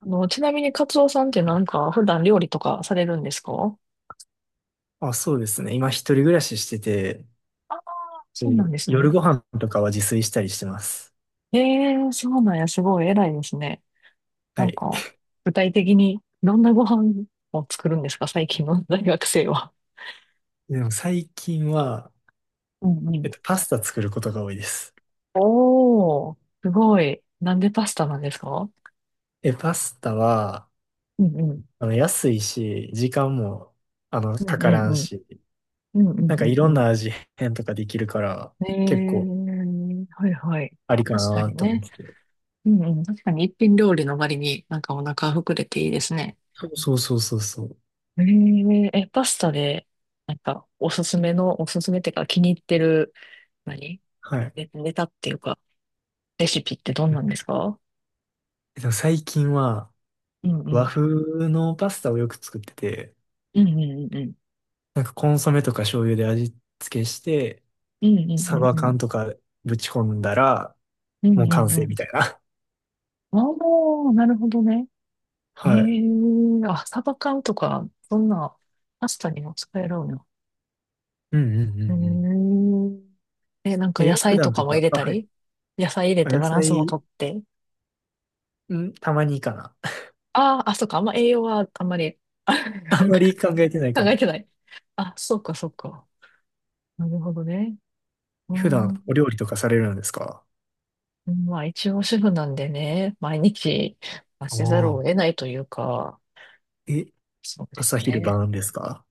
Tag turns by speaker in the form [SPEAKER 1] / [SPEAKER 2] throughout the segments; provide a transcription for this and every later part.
[SPEAKER 1] ちなみにカツオさんってなんか普段料理とかされるんですか？
[SPEAKER 2] あ、そうですね。今一人暮らししてて、
[SPEAKER 1] ああー、そう
[SPEAKER 2] で
[SPEAKER 1] なんですね。
[SPEAKER 2] 夜ご飯とかは自炊したりしてます。
[SPEAKER 1] ええー、そうなんや、すごい偉いですね。
[SPEAKER 2] は
[SPEAKER 1] なん
[SPEAKER 2] い。
[SPEAKER 1] か、具体的にどんなご飯を作るんですか？最近の大学生は。
[SPEAKER 2] でも最近は、
[SPEAKER 1] うんうん。
[SPEAKER 2] パスタ作ることが多いです。
[SPEAKER 1] おー、すごい。なんでパスタなんですか？
[SPEAKER 2] え、パスタは、
[SPEAKER 1] うんうん。
[SPEAKER 2] 安いし、時間も、
[SPEAKER 1] う
[SPEAKER 2] か
[SPEAKER 1] んう
[SPEAKER 2] から
[SPEAKER 1] ん
[SPEAKER 2] ん
[SPEAKER 1] うん。
[SPEAKER 2] し、
[SPEAKER 1] うんう
[SPEAKER 2] な
[SPEAKER 1] ん
[SPEAKER 2] んか
[SPEAKER 1] う
[SPEAKER 2] い
[SPEAKER 1] ん
[SPEAKER 2] ろん
[SPEAKER 1] うん。
[SPEAKER 2] な味変とかできるから、
[SPEAKER 1] ええ
[SPEAKER 2] 結構
[SPEAKER 1] ー、はいはい。
[SPEAKER 2] ありか
[SPEAKER 1] 確か
[SPEAKER 2] な
[SPEAKER 1] に
[SPEAKER 2] と思
[SPEAKER 1] ね。
[SPEAKER 2] って。
[SPEAKER 1] うんうんうん、ええ、はいはい、確かにね、うんうん、確かに一品料理の割になんかお腹膨れていいですね。
[SPEAKER 2] そうそうそうそうそう。
[SPEAKER 1] えええ、パスタで、なんか、おすすめっていうか、気に入ってる、何
[SPEAKER 2] はい。
[SPEAKER 1] ネタっていうか、レシピってどんなんですか？
[SPEAKER 2] 最近は、
[SPEAKER 1] うんう
[SPEAKER 2] 和
[SPEAKER 1] ん。
[SPEAKER 2] 風のパスタをよく作ってて、
[SPEAKER 1] うんうんうんうん。
[SPEAKER 2] なんかコンソメとか醤油で味付けして、
[SPEAKER 1] うんうんう
[SPEAKER 2] サ
[SPEAKER 1] ん
[SPEAKER 2] バ
[SPEAKER 1] う
[SPEAKER 2] 缶
[SPEAKER 1] ん。
[SPEAKER 2] とかぶち込んだら、
[SPEAKER 1] う
[SPEAKER 2] も
[SPEAKER 1] ん
[SPEAKER 2] う
[SPEAKER 1] う
[SPEAKER 2] 完
[SPEAKER 1] んう
[SPEAKER 2] 成みた
[SPEAKER 1] ん。
[SPEAKER 2] いな。
[SPEAKER 1] ああ、なるほどね。え
[SPEAKER 2] はい。
[SPEAKER 1] ーあ、サバ缶とか、そんな、パスタにも使えるのよ。
[SPEAKER 2] うんうんうんうん。
[SPEAKER 1] えええ、なんか野
[SPEAKER 2] え、普
[SPEAKER 1] 菜と
[SPEAKER 2] 段
[SPEAKER 1] か
[SPEAKER 2] と
[SPEAKER 1] も入
[SPEAKER 2] か、
[SPEAKER 1] れ
[SPEAKER 2] あ、
[SPEAKER 1] た
[SPEAKER 2] はい。
[SPEAKER 1] り？野菜入れ
[SPEAKER 2] あ
[SPEAKER 1] て
[SPEAKER 2] 野
[SPEAKER 1] バランスもと
[SPEAKER 2] 菜、
[SPEAKER 1] って。
[SPEAKER 2] ん、たまにかな。
[SPEAKER 1] ああ、あ、そうか、あんま栄養はあんまり。
[SPEAKER 2] あんま り考えてない
[SPEAKER 1] 考
[SPEAKER 2] か
[SPEAKER 1] え
[SPEAKER 2] も。
[SPEAKER 1] てない。あ、そうか、そうか。なるほどね。うー
[SPEAKER 2] 普段お
[SPEAKER 1] ん。
[SPEAKER 2] 料理とかされるんですか？
[SPEAKER 1] まあ、一応主婦なんでね、毎日、まあ、
[SPEAKER 2] あ
[SPEAKER 1] せざる
[SPEAKER 2] あ。
[SPEAKER 1] を得ないというか、
[SPEAKER 2] え、
[SPEAKER 1] そうで
[SPEAKER 2] 朝
[SPEAKER 1] す
[SPEAKER 2] 昼
[SPEAKER 1] ね。
[SPEAKER 2] 晩ですか？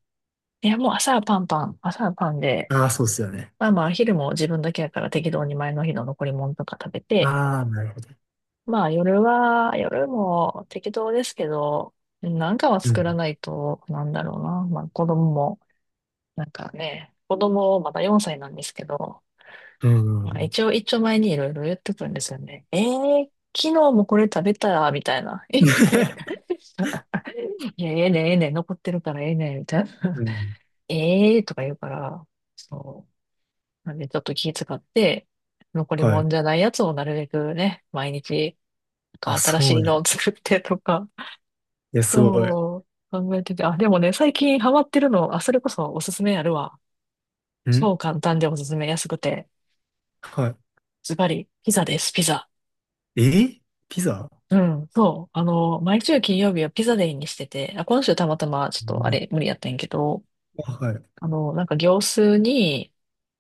[SPEAKER 1] いや、もう朝はパンで、
[SPEAKER 2] ああー、そうですよね。
[SPEAKER 1] まあまあ、昼も自分だけやから適当に前の日の残り物とか食べて、
[SPEAKER 2] ああ、なるほど。
[SPEAKER 1] まあ、夜も適当ですけど、なんかは
[SPEAKER 2] う
[SPEAKER 1] 作ら
[SPEAKER 2] ん。
[SPEAKER 1] ないと、なんだろうな。まあ、子供も、なんかね、子供まだ4歳なんですけど、
[SPEAKER 2] うん。
[SPEAKER 1] まあ、
[SPEAKER 2] うん。
[SPEAKER 1] 一応、一丁前にいろいろ言ってくるんですよね。昨日もこれ食べたら、みたいな。いや、ええねん、ええねん、残ってるからええねん、みたい
[SPEAKER 2] う
[SPEAKER 1] な。
[SPEAKER 2] ん。
[SPEAKER 1] ええー、とか言うから、そう。なんで、ちょっと気遣って、残 り
[SPEAKER 2] は
[SPEAKER 1] も
[SPEAKER 2] い。
[SPEAKER 1] んじゃないやつをなるべくね、毎日、な
[SPEAKER 2] あ、
[SPEAKER 1] んか新
[SPEAKER 2] そ
[SPEAKER 1] し
[SPEAKER 2] う
[SPEAKER 1] いの
[SPEAKER 2] ね。
[SPEAKER 1] を作ってとか、
[SPEAKER 2] いや、すごい。
[SPEAKER 1] そう、考えてて、あ、でもね、最近ハマってるの、あ、それこそおすすめあるわ。
[SPEAKER 2] ん
[SPEAKER 1] そう、簡単でおすすめ安くて、
[SPEAKER 2] は
[SPEAKER 1] ズバリ、ピザです、ピザ。
[SPEAKER 2] い。えピザ？
[SPEAKER 1] うん、そう。毎週金曜日はピザデイにしてて、あ、今週たまたまちょっ
[SPEAKER 2] う
[SPEAKER 1] とあ
[SPEAKER 2] ん
[SPEAKER 1] れ無理やったんやけど、
[SPEAKER 2] あはい。
[SPEAKER 1] なんか業数に、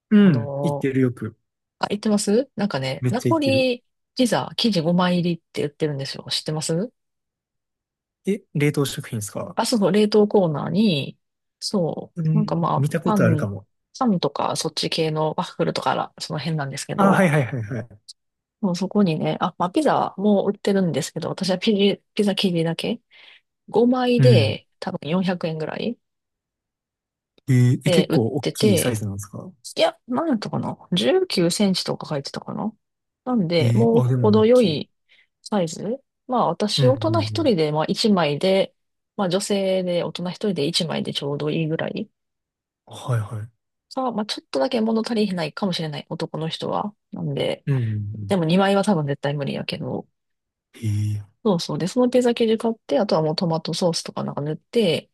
[SPEAKER 2] う
[SPEAKER 1] あ
[SPEAKER 2] ん。行って
[SPEAKER 1] の、
[SPEAKER 2] るよく。
[SPEAKER 1] あ、言ってますなんかね、
[SPEAKER 2] めっ
[SPEAKER 1] ナ
[SPEAKER 2] ちゃ行
[SPEAKER 1] ポ
[SPEAKER 2] ってる。
[SPEAKER 1] リピザ生地5枚入りって言ってるんですよ。知ってます？
[SPEAKER 2] え、冷凍食品ですか？
[SPEAKER 1] あ、そうそう、冷凍コーナーに、そ
[SPEAKER 2] う
[SPEAKER 1] う、なんか
[SPEAKER 2] ん、
[SPEAKER 1] まあ、
[SPEAKER 2] 見たこ
[SPEAKER 1] パ
[SPEAKER 2] とある
[SPEAKER 1] ン、
[SPEAKER 2] かも。
[SPEAKER 1] パンとかそっち系のワッフルとから、その辺なんですけ
[SPEAKER 2] あ、は
[SPEAKER 1] ど、
[SPEAKER 2] いはいはいはい。
[SPEAKER 1] もうそこにね、あ、まあ、ピザも売ってるんですけど、私はピザ生地だけ5枚
[SPEAKER 2] うん。
[SPEAKER 1] で多分400円ぐらい。
[SPEAKER 2] え、
[SPEAKER 1] で、
[SPEAKER 2] 結
[SPEAKER 1] 売っ
[SPEAKER 2] 構大
[SPEAKER 1] て
[SPEAKER 2] きいサイ
[SPEAKER 1] て、
[SPEAKER 2] ズなんですか？
[SPEAKER 1] いや、なんだったかな？ 19 センチとか書いてたかな？なんで、
[SPEAKER 2] えー、
[SPEAKER 1] もう
[SPEAKER 2] あ、でも大
[SPEAKER 1] 程よ
[SPEAKER 2] きい。
[SPEAKER 1] いサイズ。まあ
[SPEAKER 2] う
[SPEAKER 1] 私、
[SPEAKER 2] んうん
[SPEAKER 1] 大人
[SPEAKER 2] う
[SPEAKER 1] 一
[SPEAKER 2] ん。
[SPEAKER 1] 人で、まあ一枚で、まあ女性で大人一人で一枚でちょうどいいぐらい。
[SPEAKER 2] はいはい。
[SPEAKER 1] さあ、まあちょっとだけ物足りないかもしれない、男の人は。なんで、
[SPEAKER 2] うんうんう
[SPEAKER 1] で
[SPEAKER 2] ん。
[SPEAKER 1] も2枚は多分絶対無理やけど。
[SPEAKER 2] ええ
[SPEAKER 1] そうそう。で、そのピザ生地買って、あとはもうトマトソースとかなんか塗って、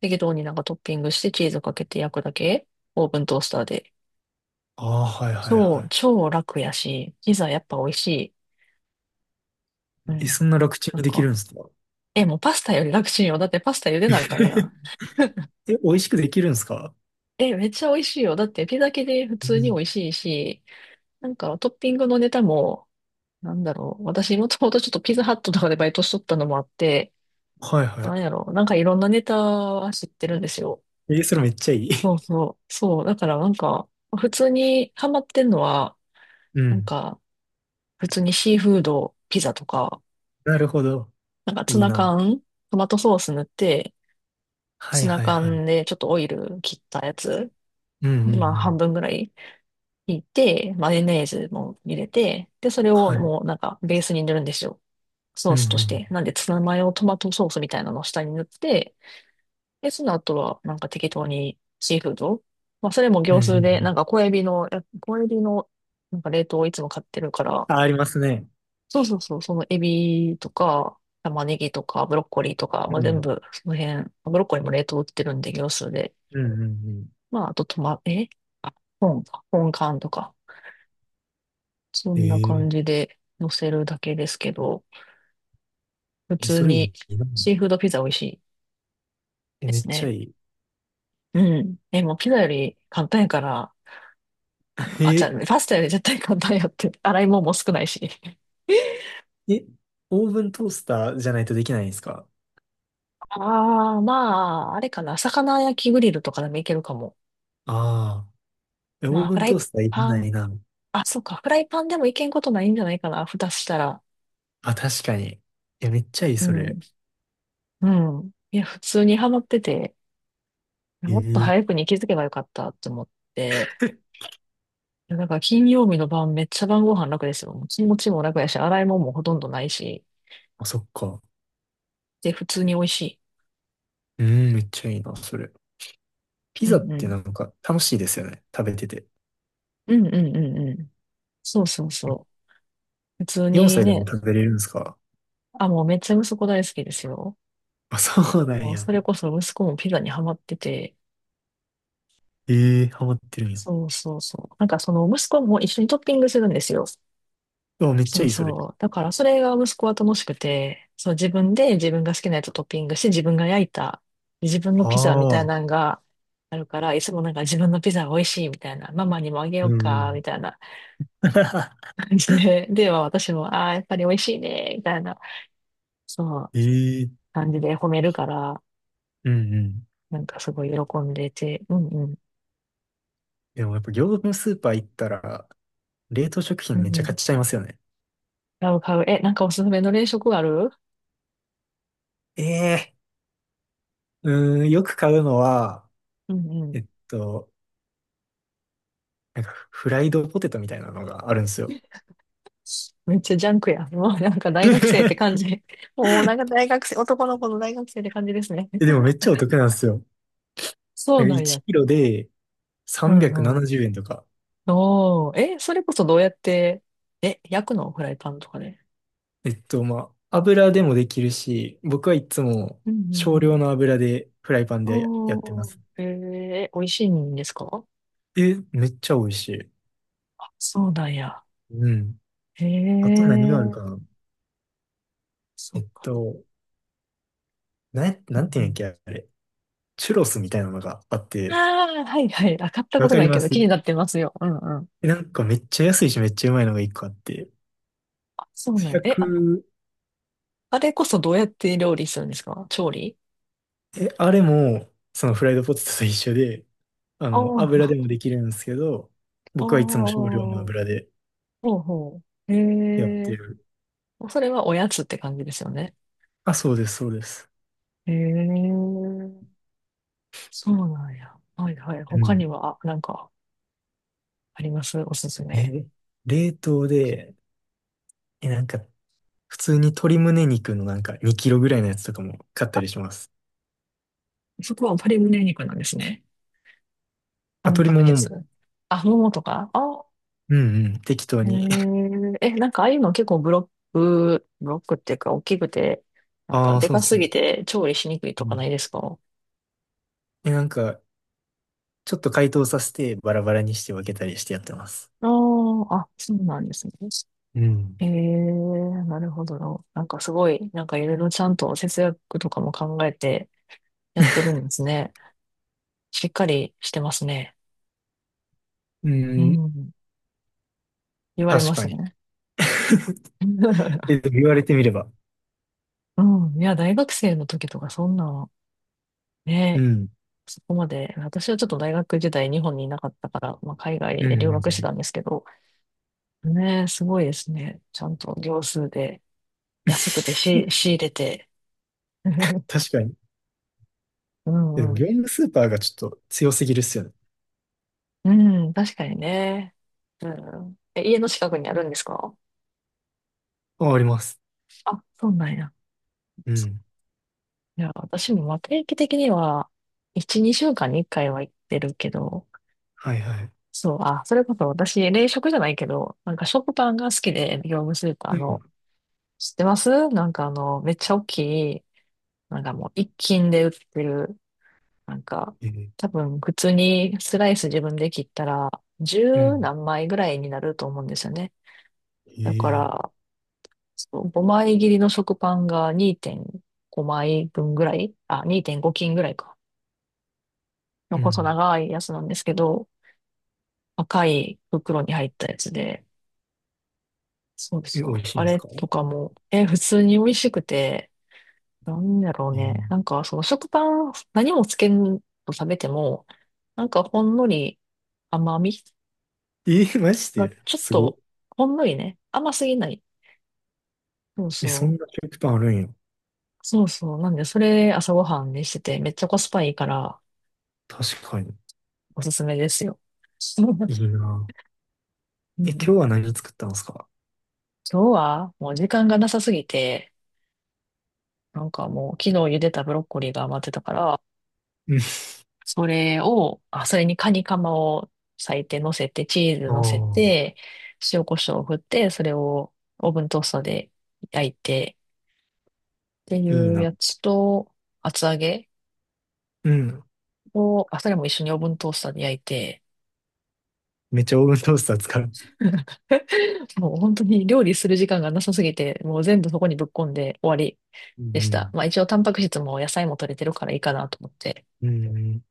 [SPEAKER 1] 適当になんかトッピングしてチーズかけて焼くだけ。オーブントースターで。
[SPEAKER 2] ああー、はいはい
[SPEAKER 1] そう、
[SPEAKER 2] は
[SPEAKER 1] 超楽やし、ピザやっぱ美味しい。う
[SPEAKER 2] い。え、
[SPEAKER 1] ん。
[SPEAKER 2] そんな楽ちん
[SPEAKER 1] な
[SPEAKER 2] に
[SPEAKER 1] ん
[SPEAKER 2] できる
[SPEAKER 1] か、
[SPEAKER 2] んですか？
[SPEAKER 1] え、もうパスタより楽しいよ。だってパスタ茹でなあかんやん。
[SPEAKER 2] え、美味しくできるんですか？
[SPEAKER 1] え、めっちゃ美味しいよ。だってピザ系で普
[SPEAKER 2] う
[SPEAKER 1] 通に美
[SPEAKER 2] ん。
[SPEAKER 1] 味しいし、なんかトッピングのネタも、なんだろう。私もともとちょっとピザハットとかでバイトしとったのもあって、
[SPEAKER 2] はいは
[SPEAKER 1] な
[SPEAKER 2] い。
[SPEAKER 1] んやろう。なんかいろんなネタは知ってるんですよ。
[SPEAKER 2] えそれめっちゃいい。
[SPEAKER 1] そう そう。そう。だからなんか、普通にハマってんのは、
[SPEAKER 2] う
[SPEAKER 1] なん
[SPEAKER 2] ん。
[SPEAKER 1] か、普通にシーフード、ピザとか、
[SPEAKER 2] なるほど。
[SPEAKER 1] なんかツ
[SPEAKER 2] いい
[SPEAKER 1] ナ
[SPEAKER 2] な。
[SPEAKER 1] 缶、トマトソース塗って、
[SPEAKER 2] は
[SPEAKER 1] ツ
[SPEAKER 2] い
[SPEAKER 1] ナ
[SPEAKER 2] はいはい。
[SPEAKER 1] 缶でちょっとオイル切ったやつ、
[SPEAKER 2] うんうん
[SPEAKER 1] まあ
[SPEAKER 2] う
[SPEAKER 1] 半
[SPEAKER 2] ん。
[SPEAKER 1] 分ぐらい引いて、マヨネーズも入れて、で、それ
[SPEAKER 2] は
[SPEAKER 1] を
[SPEAKER 2] い。
[SPEAKER 1] もうなんかベースに塗るんですよ。ソ
[SPEAKER 2] う
[SPEAKER 1] ー
[SPEAKER 2] んう
[SPEAKER 1] スとし
[SPEAKER 2] ん。
[SPEAKER 1] て。なんでツナマヨトマトソースみたいなのを下に塗って、で、その後はなんか適当にシーフード。まあそれも
[SPEAKER 2] う
[SPEAKER 1] 業
[SPEAKER 2] んう
[SPEAKER 1] ス
[SPEAKER 2] んう
[SPEAKER 1] ー
[SPEAKER 2] ん。
[SPEAKER 1] で、なんか小エビの、や小エビのなんか冷凍をいつも買ってるから、
[SPEAKER 2] あ、ありますね。
[SPEAKER 1] そうそうそう、そのエビとか、玉ねぎとか、ブロッコリーとか、
[SPEAKER 2] う
[SPEAKER 1] まあ全
[SPEAKER 2] ん。
[SPEAKER 1] 部、その辺、ブロッコリーも冷凍売ってるんで、業スーで。
[SPEAKER 2] うん、うん、うん。
[SPEAKER 1] まあ、あとトマ、あ、本か、本缶とか、そんな
[SPEAKER 2] ええ
[SPEAKER 1] 感じで乗せるだけですけど、普
[SPEAKER 2] え、
[SPEAKER 1] 通
[SPEAKER 2] それ
[SPEAKER 1] に
[SPEAKER 2] いいな。
[SPEAKER 1] シーフードピザ美味しい
[SPEAKER 2] え、
[SPEAKER 1] で
[SPEAKER 2] めっ
[SPEAKER 1] す
[SPEAKER 2] ちゃ
[SPEAKER 1] ね。
[SPEAKER 2] いい。
[SPEAKER 1] うん。え、もうピザより簡単やから、あ、じゃあ、
[SPEAKER 2] え
[SPEAKER 1] パスタより絶対簡単やって、洗い物も少ないし。
[SPEAKER 2] え、オーブントースターじゃないとできないんですか？
[SPEAKER 1] ああ、まあ、あれかな、魚焼きグリルとかでもいけるかも。
[SPEAKER 2] ああー、え、オー
[SPEAKER 1] まあ、
[SPEAKER 2] ブ
[SPEAKER 1] フ
[SPEAKER 2] ン
[SPEAKER 1] ラ
[SPEAKER 2] トー
[SPEAKER 1] イ
[SPEAKER 2] スターいら
[SPEAKER 1] パ
[SPEAKER 2] な
[SPEAKER 1] ン、
[SPEAKER 2] いな。
[SPEAKER 1] あ、そうか、フライパンでもいけんことないんじゃないかな、蓋したら。
[SPEAKER 2] あ、確かに。え、めっちゃいい、
[SPEAKER 1] う
[SPEAKER 2] そ
[SPEAKER 1] ん、
[SPEAKER 2] れ。
[SPEAKER 1] うん。いや、普通にハマってて、
[SPEAKER 2] え
[SPEAKER 1] もっと
[SPEAKER 2] え
[SPEAKER 1] 早くに気づけばよかったと思って、いやだから金曜日の晩、めっちゃ晩ご飯楽ですよ。もう気持ちも楽やし、洗い物もほとんどないし、
[SPEAKER 2] あ、そっか。
[SPEAKER 1] で、普通に美味しい。
[SPEAKER 2] うん、めっちゃいいな、それ。ピ
[SPEAKER 1] う
[SPEAKER 2] ザっ
[SPEAKER 1] んう
[SPEAKER 2] てな
[SPEAKER 1] ん。
[SPEAKER 2] んか楽しいですよね。食べてて。
[SPEAKER 1] うんうんうんうん。そうそうそう。普通
[SPEAKER 2] 4
[SPEAKER 1] に
[SPEAKER 2] 歳でも
[SPEAKER 1] ね、
[SPEAKER 2] 食べれるんですか？
[SPEAKER 1] あ、もうめっちゃ息子大好きですよ。
[SPEAKER 2] あ、そうなん
[SPEAKER 1] もう
[SPEAKER 2] や。
[SPEAKER 1] それこそ息子もピザにハマってて、
[SPEAKER 2] ええハマってるんや。
[SPEAKER 1] そうそうそう。なんかその息子も一緒にトッピングするんですよ。
[SPEAKER 2] あ、めっち
[SPEAKER 1] そ
[SPEAKER 2] ゃ
[SPEAKER 1] う
[SPEAKER 2] いい、それ。
[SPEAKER 1] そう。だからそれが息子は楽しくて、そう自分で自分が好きなやつをトッピングして自分が焼いた自分の
[SPEAKER 2] あ
[SPEAKER 1] ピザみたい
[SPEAKER 2] あ、
[SPEAKER 1] なのがあるから、いつもなんか自分のピザが美味しいみたいな、ママにもあげよ
[SPEAKER 2] うん
[SPEAKER 1] う
[SPEAKER 2] う
[SPEAKER 1] か、
[SPEAKER 2] ん。
[SPEAKER 1] みたいな 感じで、で、まあ私も、ああ、やっぱり美味しいね、みたいな、そう、
[SPEAKER 2] ええー、
[SPEAKER 1] 感じで褒めるから、
[SPEAKER 2] うんうん。
[SPEAKER 1] なんかすごい喜んでて、うんうん、
[SPEAKER 2] でもやっぱ業務スーパー行ったら、冷凍食品
[SPEAKER 1] う
[SPEAKER 2] めっ
[SPEAKER 1] ん
[SPEAKER 2] ち
[SPEAKER 1] う
[SPEAKER 2] ゃ買
[SPEAKER 1] ん、
[SPEAKER 2] っちゃいますよね。
[SPEAKER 1] 買う買う。え、なんかおすすめの冷食ある？
[SPEAKER 2] ええうーん、よく買うのは、
[SPEAKER 1] うんうん。
[SPEAKER 2] えっと、なんかフライドポテトみたいなのがあるんですよ。
[SPEAKER 1] めっちゃジャンクや。もうなんか大学生って感 じ。もうなんか大学生、男の子の大学生って感じですね。
[SPEAKER 2] えでもめっちゃお得なんですよ。
[SPEAKER 1] そ
[SPEAKER 2] な
[SPEAKER 1] う
[SPEAKER 2] んか
[SPEAKER 1] なん
[SPEAKER 2] 1
[SPEAKER 1] や。
[SPEAKER 2] キロで
[SPEAKER 1] うん
[SPEAKER 2] 370
[SPEAKER 1] うん。
[SPEAKER 2] 円とか。
[SPEAKER 1] おー、え、それこそどうやって、え、焼くの？フライパンとかで？
[SPEAKER 2] まあ、油でもできるし、僕はいつも
[SPEAKER 1] うんう
[SPEAKER 2] 少量
[SPEAKER 1] ん
[SPEAKER 2] の油でフライパン
[SPEAKER 1] う
[SPEAKER 2] で
[SPEAKER 1] ん。
[SPEAKER 2] やってま
[SPEAKER 1] おー、
[SPEAKER 2] す。
[SPEAKER 1] 美味しいんですか？
[SPEAKER 2] え、めっちゃ美味しい。
[SPEAKER 1] そうなんや。
[SPEAKER 2] うん。
[SPEAKER 1] へ
[SPEAKER 2] あと何
[SPEAKER 1] え
[SPEAKER 2] がある
[SPEAKER 1] ー、
[SPEAKER 2] かな？
[SPEAKER 1] そ
[SPEAKER 2] え
[SPEAKER 1] っ
[SPEAKER 2] っ
[SPEAKER 1] か。
[SPEAKER 2] と、
[SPEAKER 1] う
[SPEAKER 2] なんていうん
[SPEAKER 1] ん、
[SPEAKER 2] やっけ、あれ。チュロスみたいなのがあっ
[SPEAKER 1] あ
[SPEAKER 2] て、
[SPEAKER 1] あ、はいはい。あ、買ったこ
[SPEAKER 2] わ
[SPEAKER 1] と
[SPEAKER 2] か
[SPEAKER 1] な
[SPEAKER 2] り
[SPEAKER 1] いけ
[SPEAKER 2] ま
[SPEAKER 1] ど気に
[SPEAKER 2] す？
[SPEAKER 1] なってますよ。うんうん。
[SPEAKER 2] えなんかめっちゃ安いしめっちゃうまいのが一個あって、
[SPEAKER 1] あ、そうなんや。え、あ、
[SPEAKER 2] 100、
[SPEAKER 1] あれこそどうやって料理するんですか？調理？
[SPEAKER 2] え、あれも、そのフライドポテトと一緒で、
[SPEAKER 1] ああ
[SPEAKER 2] 油でも
[SPEAKER 1] ー、
[SPEAKER 2] できるんですけど、
[SPEAKER 1] お
[SPEAKER 2] 僕はいつも少量の
[SPEAKER 1] ー、
[SPEAKER 2] 油で
[SPEAKER 1] ほうほう。へ
[SPEAKER 2] やって
[SPEAKER 1] え。
[SPEAKER 2] る。
[SPEAKER 1] それはおやつって感じですよね。
[SPEAKER 2] あ、そうです、そうです。
[SPEAKER 1] へえ。そうなんや。はいはい。
[SPEAKER 2] う
[SPEAKER 1] 他に
[SPEAKER 2] ん。
[SPEAKER 1] は、なんか、あります？おすすめ。
[SPEAKER 2] え、冷凍で、え、なんか、普通に鶏胸肉のなんか2キロぐらいのやつとかも買ったりします。
[SPEAKER 1] そこは鶏胸肉なんですね。タ
[SPEAKER 2] あ、
[SPEAKER 1] ン
[SPEAKER 2] 鶏
[SPEAKER 1] パ
[SPEAKER 2] も
[SPEAKER 1] ク
[SPEAKER 2] もも。
[SPEAKER 1] 質。あ、ももとかあ、
[SPEAKER 2] うんうん、適当
[SPEAKER 1] へ
[SPEAKER 2] に。
[SPEAKER 1] え。え、なんかああいうの結構ブロックっていうか大きくて、なんか
[SPEAKER 2] ああ、
[SPEAKER 1] で
[SPEAKER 2] そうっ
[SPEAKER 1] かす
[SPEAKER 2] す。
[SPEAKER 1] ぎて調理しにくい
[SPEAKER 2] う
[SPEAKER 1] とかな
[SPEAKER 2] ん。
[SPEAKER 1] いですか？
[SPEAKER 2] え、なんか、ちょっと解凍させてバラバラにして分けたりしてやってます。
[SPEAKER 1] ああー、あ、そうなんですね。
[SPEAKER 2] うん。
[SPEAKER 1] ええ、なるほどな。なんかすごい、なんかいろいろちゃんと節約とかも考えてやってるんですね。しっかりしてますね。
[SPEAKER 2] う
[SPEAKER 1] う
[SPEAKER 2] ん、
[SPEAKER 1] ん。言われ
[SPEAKER 2] 確
[SPEAKER 1] ま
[SPEAKER 2] か
[SPEAKER 1] す
[SPEAKER 2] に。
[SPEAKER 1] ね。
[SPEAKER 2] え、でも言われてみれば。
[SPEAKER 1] うん。いや、大学生の時とかそんな、
[SPEAKER 2] う
[SPEAKER 1] ね、
[SPEAKER 2] ん。
[SPEAKER 1] そこまで、私はちょっと大学時代日本にいなかったから、まあ、海
[SPEAKER 2] う
[SPEAKER 1] 外
[SPEAKER 2] ん。
[SPEAKER 1] で留
[SPEAKER 2] うん
[SPEAKER 1] 学してたんですけど、ね、すごいですね。ちゃんと行数で安くてし仕 入れて。
[SPEAKER 2] 確かに。
[SPEAKER 1] う
[SPEAKER 2] でも
[SPEAKER 1] んう
[SPEAKER 2] 業
[SPEAKER 1] ん。
[SPEAKER 2] 務スーパーがちょっと強すぎるっすよね。
[SPEAKER 1] うん、確かにね。うん。え、家の近くにあるんですか？
[SPEAKER 2] あ、あります。
[SPEAKER 1] あ、そうなんや。
[SPEAKER 2] うん。
[SPEAKER 1] いや、私もまあ定期的には、1、2週間に1回は行ってるけど、
[SPEAKER 2] はいはい。
[SPEAKER 1] そう、あ、それこそ私、冷食じゃないけど、なんか食パンが好きで、業務スーパー
[SPEAKER 2] う
[SPEAKER 1] の、
[SPEAKER 2] ん。
[SPEAKER 1] 知ってます？なんかめっちゃ大きい、なんかもう一斤で売ってる、なんか、
[SPEAKER 2] えー、
[SPEAKER 1] 多分普通にスライス自分で切ったら、
[SPEAKER 2] う
[SPEAKER 1] 十
[SPEAKER 2] ん。
[SPEAKER 1] 何枚ぐらいになると思うんですよね。だか
[SPEAKER 2] えー
[SPEAKER 1] ら、そう、5枚切りの食パンが2.5枚分ぐらい、あ、2.5斤ぐらいか。の
[SPEAKER 2] う
[SPEAKER 1] 細
[SPEAKER 2] ん。
[SPEAKER 1] 長いやつなんですけど、赤い袋に入ったやつで、そう
[SPEAKER 2] え、
[SPEAKER 1] そ
[SPEAKER 2] 美味
[SPEAKER 1] う。
[SPEAKER 2] しいん
[SPEAKER 1] あ
[SPEAKER 2] です
[SPEAKER 1] れ
[SPEAKER 2] か？
[SPEAKER 1] とかも、え、普通に美味しくて、なんだろう
[SPEAKER 2] え
[SPEAKER 1] ね。
[SPEAKER 2] ー
[SPEAKER 1] なんか、その食パン、何もつけんと食べても、なんかほんのり甘み
[SPEAKER 2] えーマジ
[SPEAKER 1] が
[SPEAKER 2] で
[SPEAKER 1] ちょっ
[SPEAKER 2] すご
[SPEAKER 1] と、
[SPEAKER 2] い。
[SPEAKER 1] ほんのりね、甘すぎない。そう
[SPEAKER 2] え、
[SPEAKER 1] そ
[SPEAKER 2] そんな
[SPEAKER 1] う。
[SPEAKER 2] 食パンあるんや。
[SPEAKER 1] そうそう。なんで、それ朝ごはんにしてて、めっちゃコスパいいから、
[SPEAKER 2] 確かに。
[SPEAKER 1] おすすめですよ。
[SPEAKER 2] いいな。
[SPEAKER 1] うん、
[SPEAKER 2] え、今日
[SPEAKER 1] 今
[SPEAKER 2] は何作ったんですか？
[SPEAKER 1] 日はもう時間がなさすぎて、なんかもう昨日茹でたブロッコリーが余ってたから、
[SPEAKER 2] うん。
[SPEAKER 1] それを、あ、それにカニカマを裂いて乗せて、チーズ
[SPEAKER 2] あ
[SPEAKER 1] 乗せて、塩コショウを振って、それをオーブントースターで焼いてってい
[SPEAKER 2] あ、いい
[SPEAKER 1] う
[SPEAKER 2] な。
[SPEAKER 1] やつと、厚揚げ
[SPEAKER 2] うん。
[SPEAKER 1] を、あ、それも一緒にオーブントースターで焼いて、
[SPEAKER 2] めっちゃオーブントースター使う。
[SPEAKER 1] もう本当に料理する時間がなさすぎて、もう全部そこにぶっ込んで終わり
[SPEAKER 2] う
[SPEAKER 1] でした。
[SPEAKER 2] ん。
[SPEAKER 1] まあ一応タンパク質も野菜も取れてるからいいかなと思って。
[SPEAKER 2] うん。うん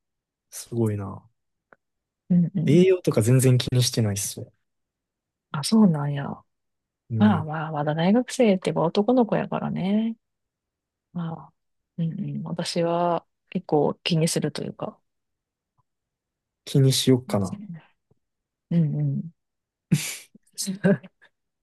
[SPEAKER 2] すごいな。
[SPEAKER 1] うんうん。
[SPEAKER 2] 栄養とか全然気にしてないっすね。
[SPEAKER 1] あ、そうなんや。
[SPEAKER 2] う
[SPEAKER 1] まあ
[SPEAKER 2] ん。
[SPEAKER 1] まあ、まだ大学生ってば男の子やからね。まあ、うんうん。私は結構気にするというか。
[SPEAKER 2] 気にしよっか
[SPEAKER 1] そう
[SPEAKER 2] な。
[SPEAKER 1] ね、うんうん。